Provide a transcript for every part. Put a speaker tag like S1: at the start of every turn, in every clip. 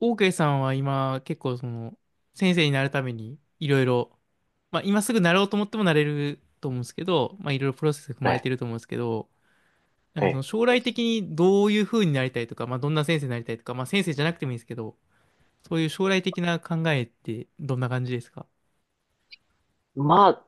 S1: オーケーさんは今結構その先生になるためにいろいろ、まあ今すぐなろうと思ってもなれると思うんですけど、まあいろいろプロセスが踏
S2: え
S1: まれて
S2: え、
S1: ると思うんですけど、なん
S2: え
S1: かその
S2: え、
S1: 将来的にどういう風になりたいとか、まあどんな先生になりたいとか、まあ先生じゃなくてもいいんですけど、そういう将来的な考えってどんな感じですか？
S2: まあ、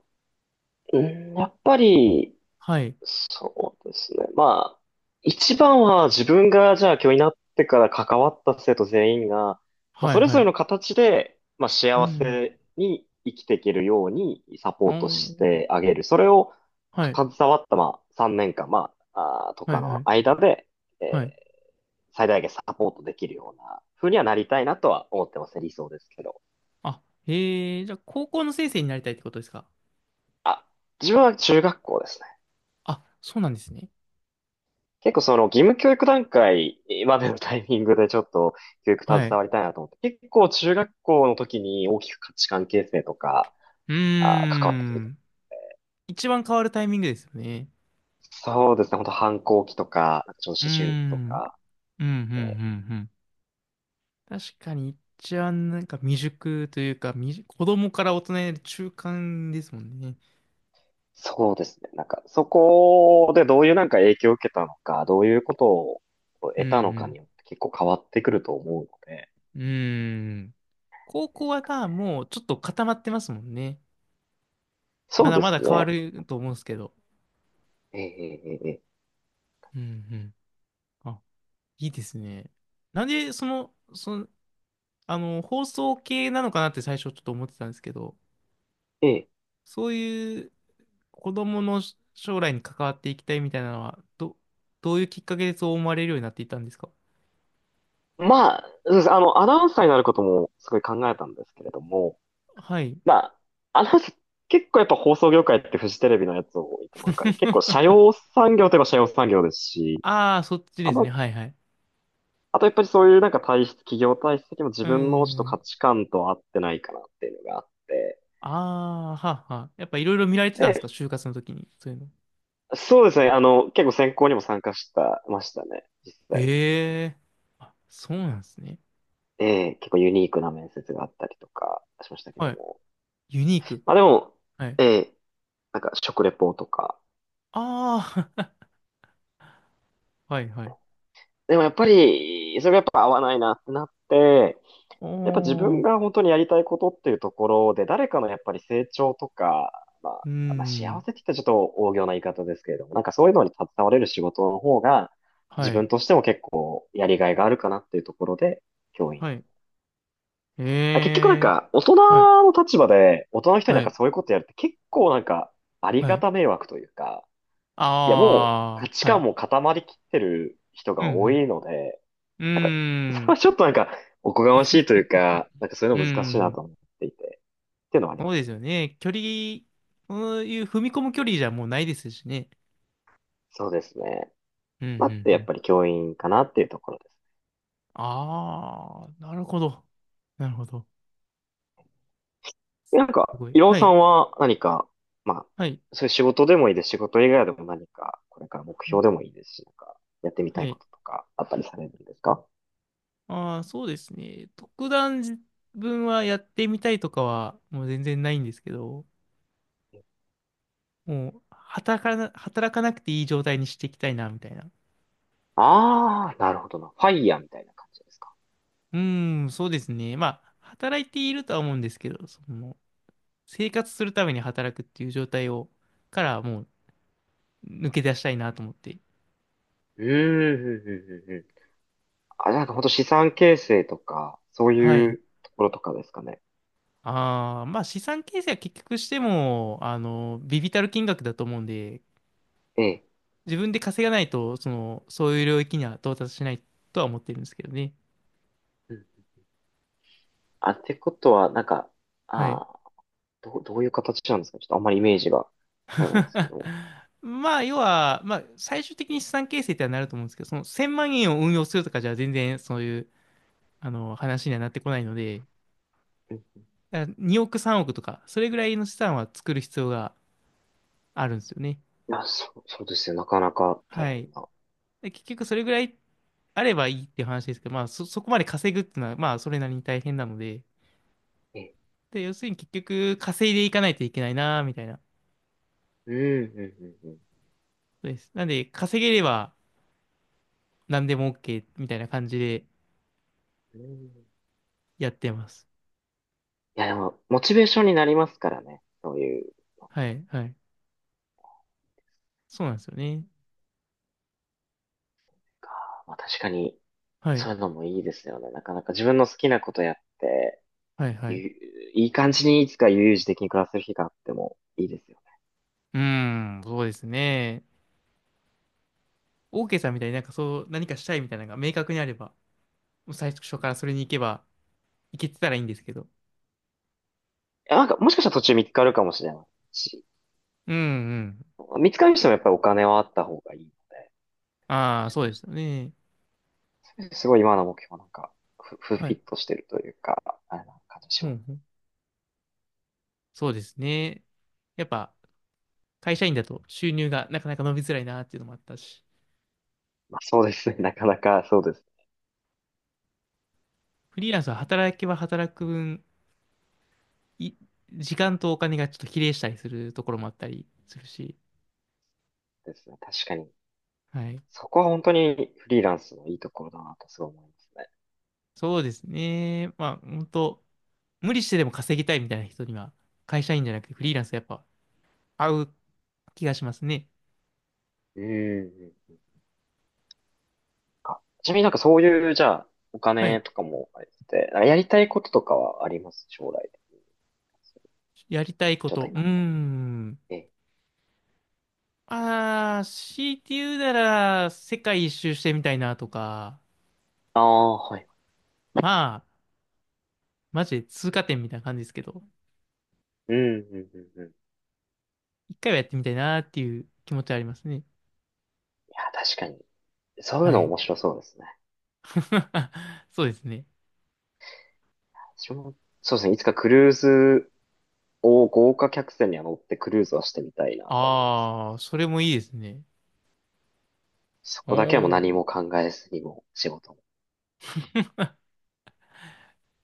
S2: うんやっぱり、
S1: はい。
S2: そうですね。まあ、一番は自分がじゃあ教員になってから関わった生徒全員が、まあ、
S1: はい、
S2: それ
S1: は
S2: ぞれ
S1: い。
S2: の形で、まあ、
S1: う
S2: 幸
S1: ん。
S2: せに生きていけるようにサポ
S1: あ
S2: ートし
S1: ー、
S2: てあげる。それを
S1: はい、
S2: 携わった、まあ、3年間、まあ、あーと
S1: は
S2: か
S1: い、
S2: の
S1: はい、
S2: 間で、え
S1: はい。
S2: ー最大限サポートできるような風にはなりたいなとは思ってますね。理想ですけど。
S1: あ、へえ、じゃあ高校の先生になりたいってことですか？
S2: あ、自分は中学校ですね。
S1: あ、そうなんですね。
S2: 結構その義務教育段階までのタイミングでちょっと教育携
S1: はい。
S2: わりたいなと思って、結構中学校の時に大きく価値観形成とか、
S1: うー
S2: 関わってくる。
S1: ん。一番変わるタイミングですよね。
S2: そうですね、本当反抗期とか、なんかちょっと
S1: うー
S2: 思春期と
S1: ん。
S2: か、
S1: うん、うん、う
S2: えー
S1: ん、うん。確かに、一番なんか未熟というか、未熟、子供から大人への中間ですもんね。
S2: そうですね、なんかそこでどういうなんか影響を受けたのか、どういうことを
S1: う
S2: 得たのか
S1: ん、
S2: によって結構変わってくると思うので、
S1: うん。うーん。高
S2: で
S1: 校
S2: す
S1: は
S2: か
S1: な、
S2: ね。
S1: もうちょっと固まってますもんね。ま
S2: そう
S1: だ
S2: で
S1: まだ
S2: す
S1: 変わ
S2: ね。
S1: ると思うんですけど。
S2: ええええええ
S1: うん、うん。あ、いいですね。なんで、あの、放送系なのかなって最初ちょっと思ってたんですけど、
S2: ええ
S1: そういう子供の将来に関わっていきたいみたいなのは、どういうきっかけでそう思われるようになっていったんですか？
S2: まあ、そうです。あの、アナウンサーになることもすごい考えたんですけれども、
S1: はい。
S2: まあ、あの、結構やっぱ放送業界ってフジテレビのやつを見てもわかる。結構社 用産業といえば社用産業ですし、
S1: ああ、そっち
S2: あ
S1: ですね。
S2: の、
S1: はいはい。
S2: あとやっぱりそういうなんか体質、企業体質的にも自
S1: うー
S2: 分のちょっと価
S1: ん。
S2: 値観と合ってないかなっていうのがあって。
S1: ああ、はあはあ。やっぱいろいろ見られてたんですか、
S2: で、
S1: 就活の時に。そういうの。
S2: そうですね、あの、結構選考にも参加したましたね、実際。
S1: ええ。あ、そうなんですね。
S2: ええ、結構ユニークな面接があったりとかしましたけ
S1: は
S2: ど
S1: い。
S2: も。
S1: ユニーク。
S2: まあでも、
S1: はい。
S2: ええ、なんか食レポとか。
S1: ああ、はいはい。
S2: でもやっぱり、それがやっぱ合わないなってなって、やっぱ自
S1: お
S2: 分
S1: ー。
S2: が本当にやりたいことっていうところで、誰かのやっぱり成長とか、ま
S1: うー
S2: あ、まあ、幸
S1: ん。
S2: せって言ったらちょっと大行な言い方ですけれども、なんかそういうのに携われる仕事の方が、
S1: は
S2: 自
S1: い。
S2: 分としても結構やりがいがあるかなっていうところで、教員。
S1: はい。
S2: あ結局なん
S1: ええ。
S2: か、大
S1: はい。
S2: 人の立場で、大人の人にな
S1: は
S2: んか
S1: い。
S2: そういうことやるって結構なんか、あり
S1: は
S2: が
S1: い。
S2: た迷惑というか、いやもう価
S1: ああ、
S2: 値
S1: は
S2: 観
S1: い。
S2: も固まりきってる人が
S1: う
S2: 多
S1: ん、
S2: いので、
S1: うー
S2: なんか、それは
S1: ん、
S2: ちょっとなんか、おこがましいというか、なんかそういう
S1: うー
S2: の難しいな
S1: ん、
S2: と思っていて。っていうのはあり
S1: そ
S2: ま
S1: うです
S2: す。
S1: よね。距離、そういう踏み込む距離じゃもうないですしね。
S2: そうですね。
S1: うん、う
S2: まあ、ってや
S1: ん、う
S2: っ
S1: ん。
S2: ぱり教員かなっていうところです。
S1: ああ、なるほど。なるほど。
S2: なん
S1: す
S2: か、
S1: ごい。
S2: 伊郎
S1: は
S2: さ
S1: い、
S2: んは何か、まあ、
S1: はい、
S2: そういう仕事でもいいです。仕事以外でも何か、これから目
S1: は
S2: 標
S1: い。
S2: でもいいですし、なんか、やってみた
S1: は
S2: い
S1: い、
S2: こととか、あったりされるんですか？
S1: ああー、そうですね。特段自分はやってみたいとかはもう全然ないんですけど、もう働かなくていい状態にしていきたいな、みたいな。
S2: ああー、なるほどな。ファイヤーみたいな感じですか。
S1: うーん、そうですね。まあ、働いているとは思うんですけど、その、生活するために働くっていう状態を、からもう抜け出したいなと思って。
S2: うーん、うんうんうんうんあ、なんか本当資産形成とか、そう
S1: は
S2: い
S1: い。
S2: うところとかですかね。
S1: ああ、まあ資産形成は結局しても、あの、微々たる金額だと思うんで、
S2: ええ。
S1: 自分で稼がないと、その、そういう領域には到達しないとは思ってるんですけどね。
S2: うん。あ、ってことは、なんか、
S1: はい。
S2: ああ、どういう形なんですか？ちょっとあんまりイメージが、あれなんですけ ど。
S1: まあ、要は、まあ、最終的に資産形成ってはなると思うんですけど、その1000万円を運用するとかじゃ全然そういう、あの、話にはなってこないので、
S2: うん
S1: だから2億3億とか、それぐらいの資産は作る必要があるんですよね。
S2: あ、そうですよ。なかなか大
S1: は
S2: 変
S1: い。
S2: な。
S1: で、結局それぐらいあればいいっていう話ですけど、そこまで稼ぐっていうのは、まあそれなりに大変なので、
S2: え、
S1: で、要するに結局稼いでいかないといけないな、みたいな。
S2: うん、うん、うん、
S1: そうです。なんで、稼げれば何でも OK みたいな感じで
S2: うん。うん
S1: やってます。
S2: いや、でも、モチベーションになりますからね。そういうの
S1: はい、はい。そうなんですよね。
S2: が。まあ、確かに、
S1: は
S2: そ
S1: い、
S2: ういうのもいいですよね。なかなか自分の好きなことやって、
S1: はい、は
S2: ゆ
S1: い。
S2: いい感じにいつか悠々自適に暮らせる日があってもいいですよね。
S1: うーん、そうですね。OK さんみたいになんかそう、何かしたいみたいなのが明確にあれば、もう最初からそれに行けば、行けてたらいいんですけど。
S2: いや、なんか、もしかしたら途中見つかるかもしれないし、
S1: うん、うん。
S2: 見つかる人もやっぱりお金はあった方がいいので、僕
S1: あ
S2: と
S1: あ、そうです
S2: し
S1: よね。
S2: て。すごい今の目標なんか、フ
S1: は
S2: ィ
S1: い。
S2: ットしてるというか、あれな感じし
S1: う
S2: ま
S1: ん、
S2: す。
S1: うん、そうですね。やっぱ会社員だと収入がなかなか伸びづらいなっていうのもあったし、
S2: まあ、そうですね。なかなかそうです、
S1: フリーランスは働けば働く分、い、時間とお金がちょっと比例したりするところもあったりするし、
S2: ですね。確かに。
S1: はい。
S2: そこは本当にフリーランスのいいところだなとすごい思いますね。
S1: そうですね。まあ、本当無理してでも稼ぎたいみたいな人には、会社員じゃなくてフリーランスやっぱ合う気がしますね。
S2: うんうん。あちなみになんかそういう、じゃあ、お
S1: はい。
S2: 金とかもあれて、あやりたいこととかはあります将来で。
S1: やりたいこ
S2: 状
S1: と。
S2: 態
S1: う
S2: に
S1: ー
S2: なった。
S1: ん。
S2: ええ。
S1: ああ、強いて言うなら、世界一周してみたいなとか、
S2: ああ、はい。
S1: まあ、マジで通過点みたいな感じですけど、
S2: うん。い
S1: 一回はやってみたいなっていう気持ちはありますね。
S2: や、確かに。そういう
S1: は
S2: の
S1: い。
S2: 面白そうですね。
S1: そうですね。
S2: 私も、そうですね。いつかクルーズを豪華客船には乗ってクルーズはしてみたいなとは思いますね。
S1: ああ、それもいいですね。
S2: そ
S1: お
S2: こだけはもう何
S1: お、
S2: も考えずにもう仕事を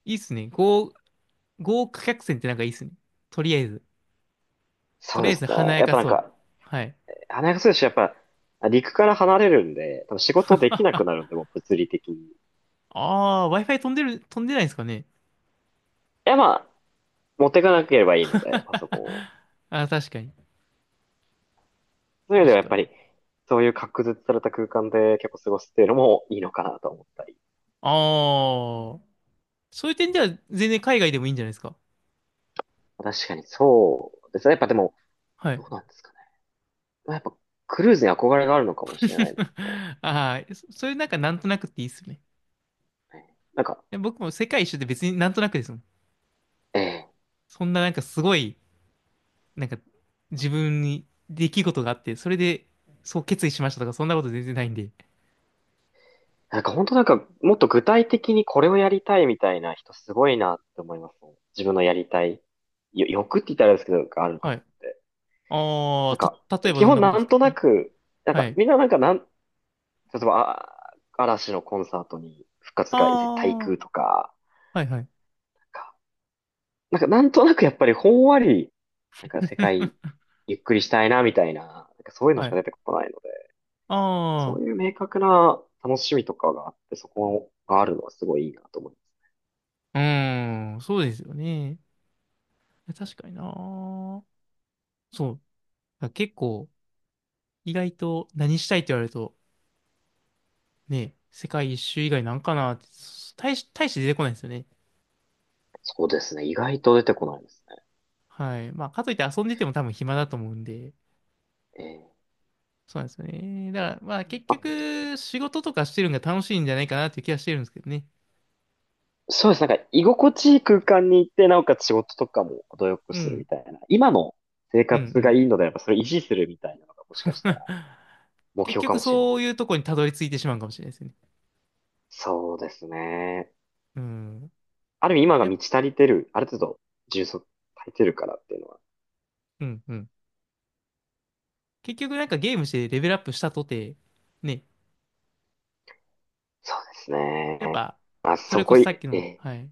S1: いいっすね。豪華客船ってなんかいいっすね。とりあえず。と
S2: そう
S1: りあ
S2: で
S1: えず
S2: すね。
S1: 華や
S2: やっ
S1: か
S2: ぱなん
S1: そ
S2: か、
S1: う。はい。
S2: 花す選しやっぱ、陸から離れるんで、多分仕事できなくなるんで、もう物理的に。
S1: ああ、Wi-Fi 飛んでる、飛んでないんですかね。
S2: や、まあ、持っていかなければいいので、パソコンを。
S1: ああ、確かに。
S2: そういう意味では
S1: 確
S2: やっ
S1: かに。
S2: ぱり、そういう隔絶された空間で結構過ごすっていうのもいいのかなと思ったり。
S1: ああ、そういう点では全然海外でもいいんじゃないですか。
S2: 確かにそうですね。やっぱでも、
S1: はい。
S2: どうなんですかね。まあ、やっぱ、クルーズに憧れがあるのかもしれないで すね。
S1: ああ、そそれなんかなんとなくっていいっすよね。
S2: なんか、
S1: 僕も世界一周って別になんとなくですもん。
S2: ええ
S1: そんななんかすごい、なんか自分に出来事があって、それでそう決意しましたとか、そんなこと全然ないんで。
S2: なんか本当なんか、もっと具体的にこれをやりたいみたいな人すごいなって思いますね。自分のやりたい、欲って言ったらあれですけど、ある
S1: はい。
S2: 方って。
S1: あ
S2: な
S1: あ、
S2: んか、
S1: 例えば
S2: 基
S1: どん
S2: 本
S1: なこと
S2: な
S1: で
S2: ん
S1: すか？
S2: と
S1: は
S2: な
S1: い。
S2: く、なんか、
S1: はい。
S2: みんななんかなん、例えば、あ、嵐のコンサートに復活が絶対行
S1: あ
S2: くと
S1: あ、
S2: か、
S1: はいはい。
S2: なんかなんとなくやっぱりほんわり、なんか世界 ゆっくりしたいなみたいな、なんかそういうの
S1: は
S2: しか
S1: い。
S2: 出てこないので、そ
S1: ああ、
S2: ういう明確な楽しみとかがあって、そこがあるのはすごいいいなと思います。
S1: うーん、そうですよね。確かにな。そう。だから結構、意外と何したいって言われると、ね、世界一周以外なんかなって、大して出てこないですよね。
S2: そうですね。意外と出てこないですね。
S1: はい。まあ、かといって遊んでても多分暇だと思うんで、
S2: ええ
S1: そうなんですよね。だから、まあ結
S2: あ、
S1: 局、仕事とかしてるのが楽しいんじゃないかなっていう気はしてるんですけどね。
S2: そうです。なんか、居心地いい空間に行って、なおかつ仕事とかも程よく
S1: う
S2: する
S1: ん。
S2: みたいな。今の生
S1: うん、う
S2: 活がい
S1: ん。
S2: いのであれば、それを維持するみたいなのがもしかしたら 目
S1: 結
S2: 標か
S1: 局
S2: もしれない。
S1: そういうとこにたどり着いてしまうかもしれないですね。
S2: そうですね。
S1: うん。
S2: ある意味今が
S1: やっ、
S2: 満ち足りてる、ある程度充足足りてるからっていうのは。
S1: うん、うん。結局なんかゲームしてレベルアップしたとて、ね、
S2: そうです
S1: やっ
S2: ね。
S1: ぱ、
S2: まあ、
S1: それ
S2: そ
S1: こ
S2: こ
S1: そさっ
S2: い、
S1: き
S2: え
S1: の、
S2: え
S1: はい、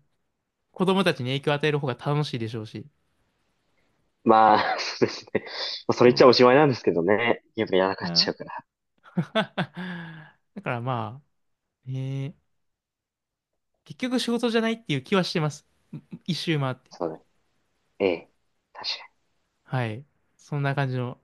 S1: 子供たちに影響を与える方が楽しいでしょうし、
S2: まあ、そうですね。まあ、それ言っちゃ
S1: そ
S2: おしまいなんですけどね。やっぱやら
S1: う。
S2: かっち
S1: あ、
S2: ゃうから。
S1: だからまあ、ね、結局仕事じゃないっていう気はしてます。一周回って。
S2: そうだね。ええ確かに。
S1: はい。そんな感じの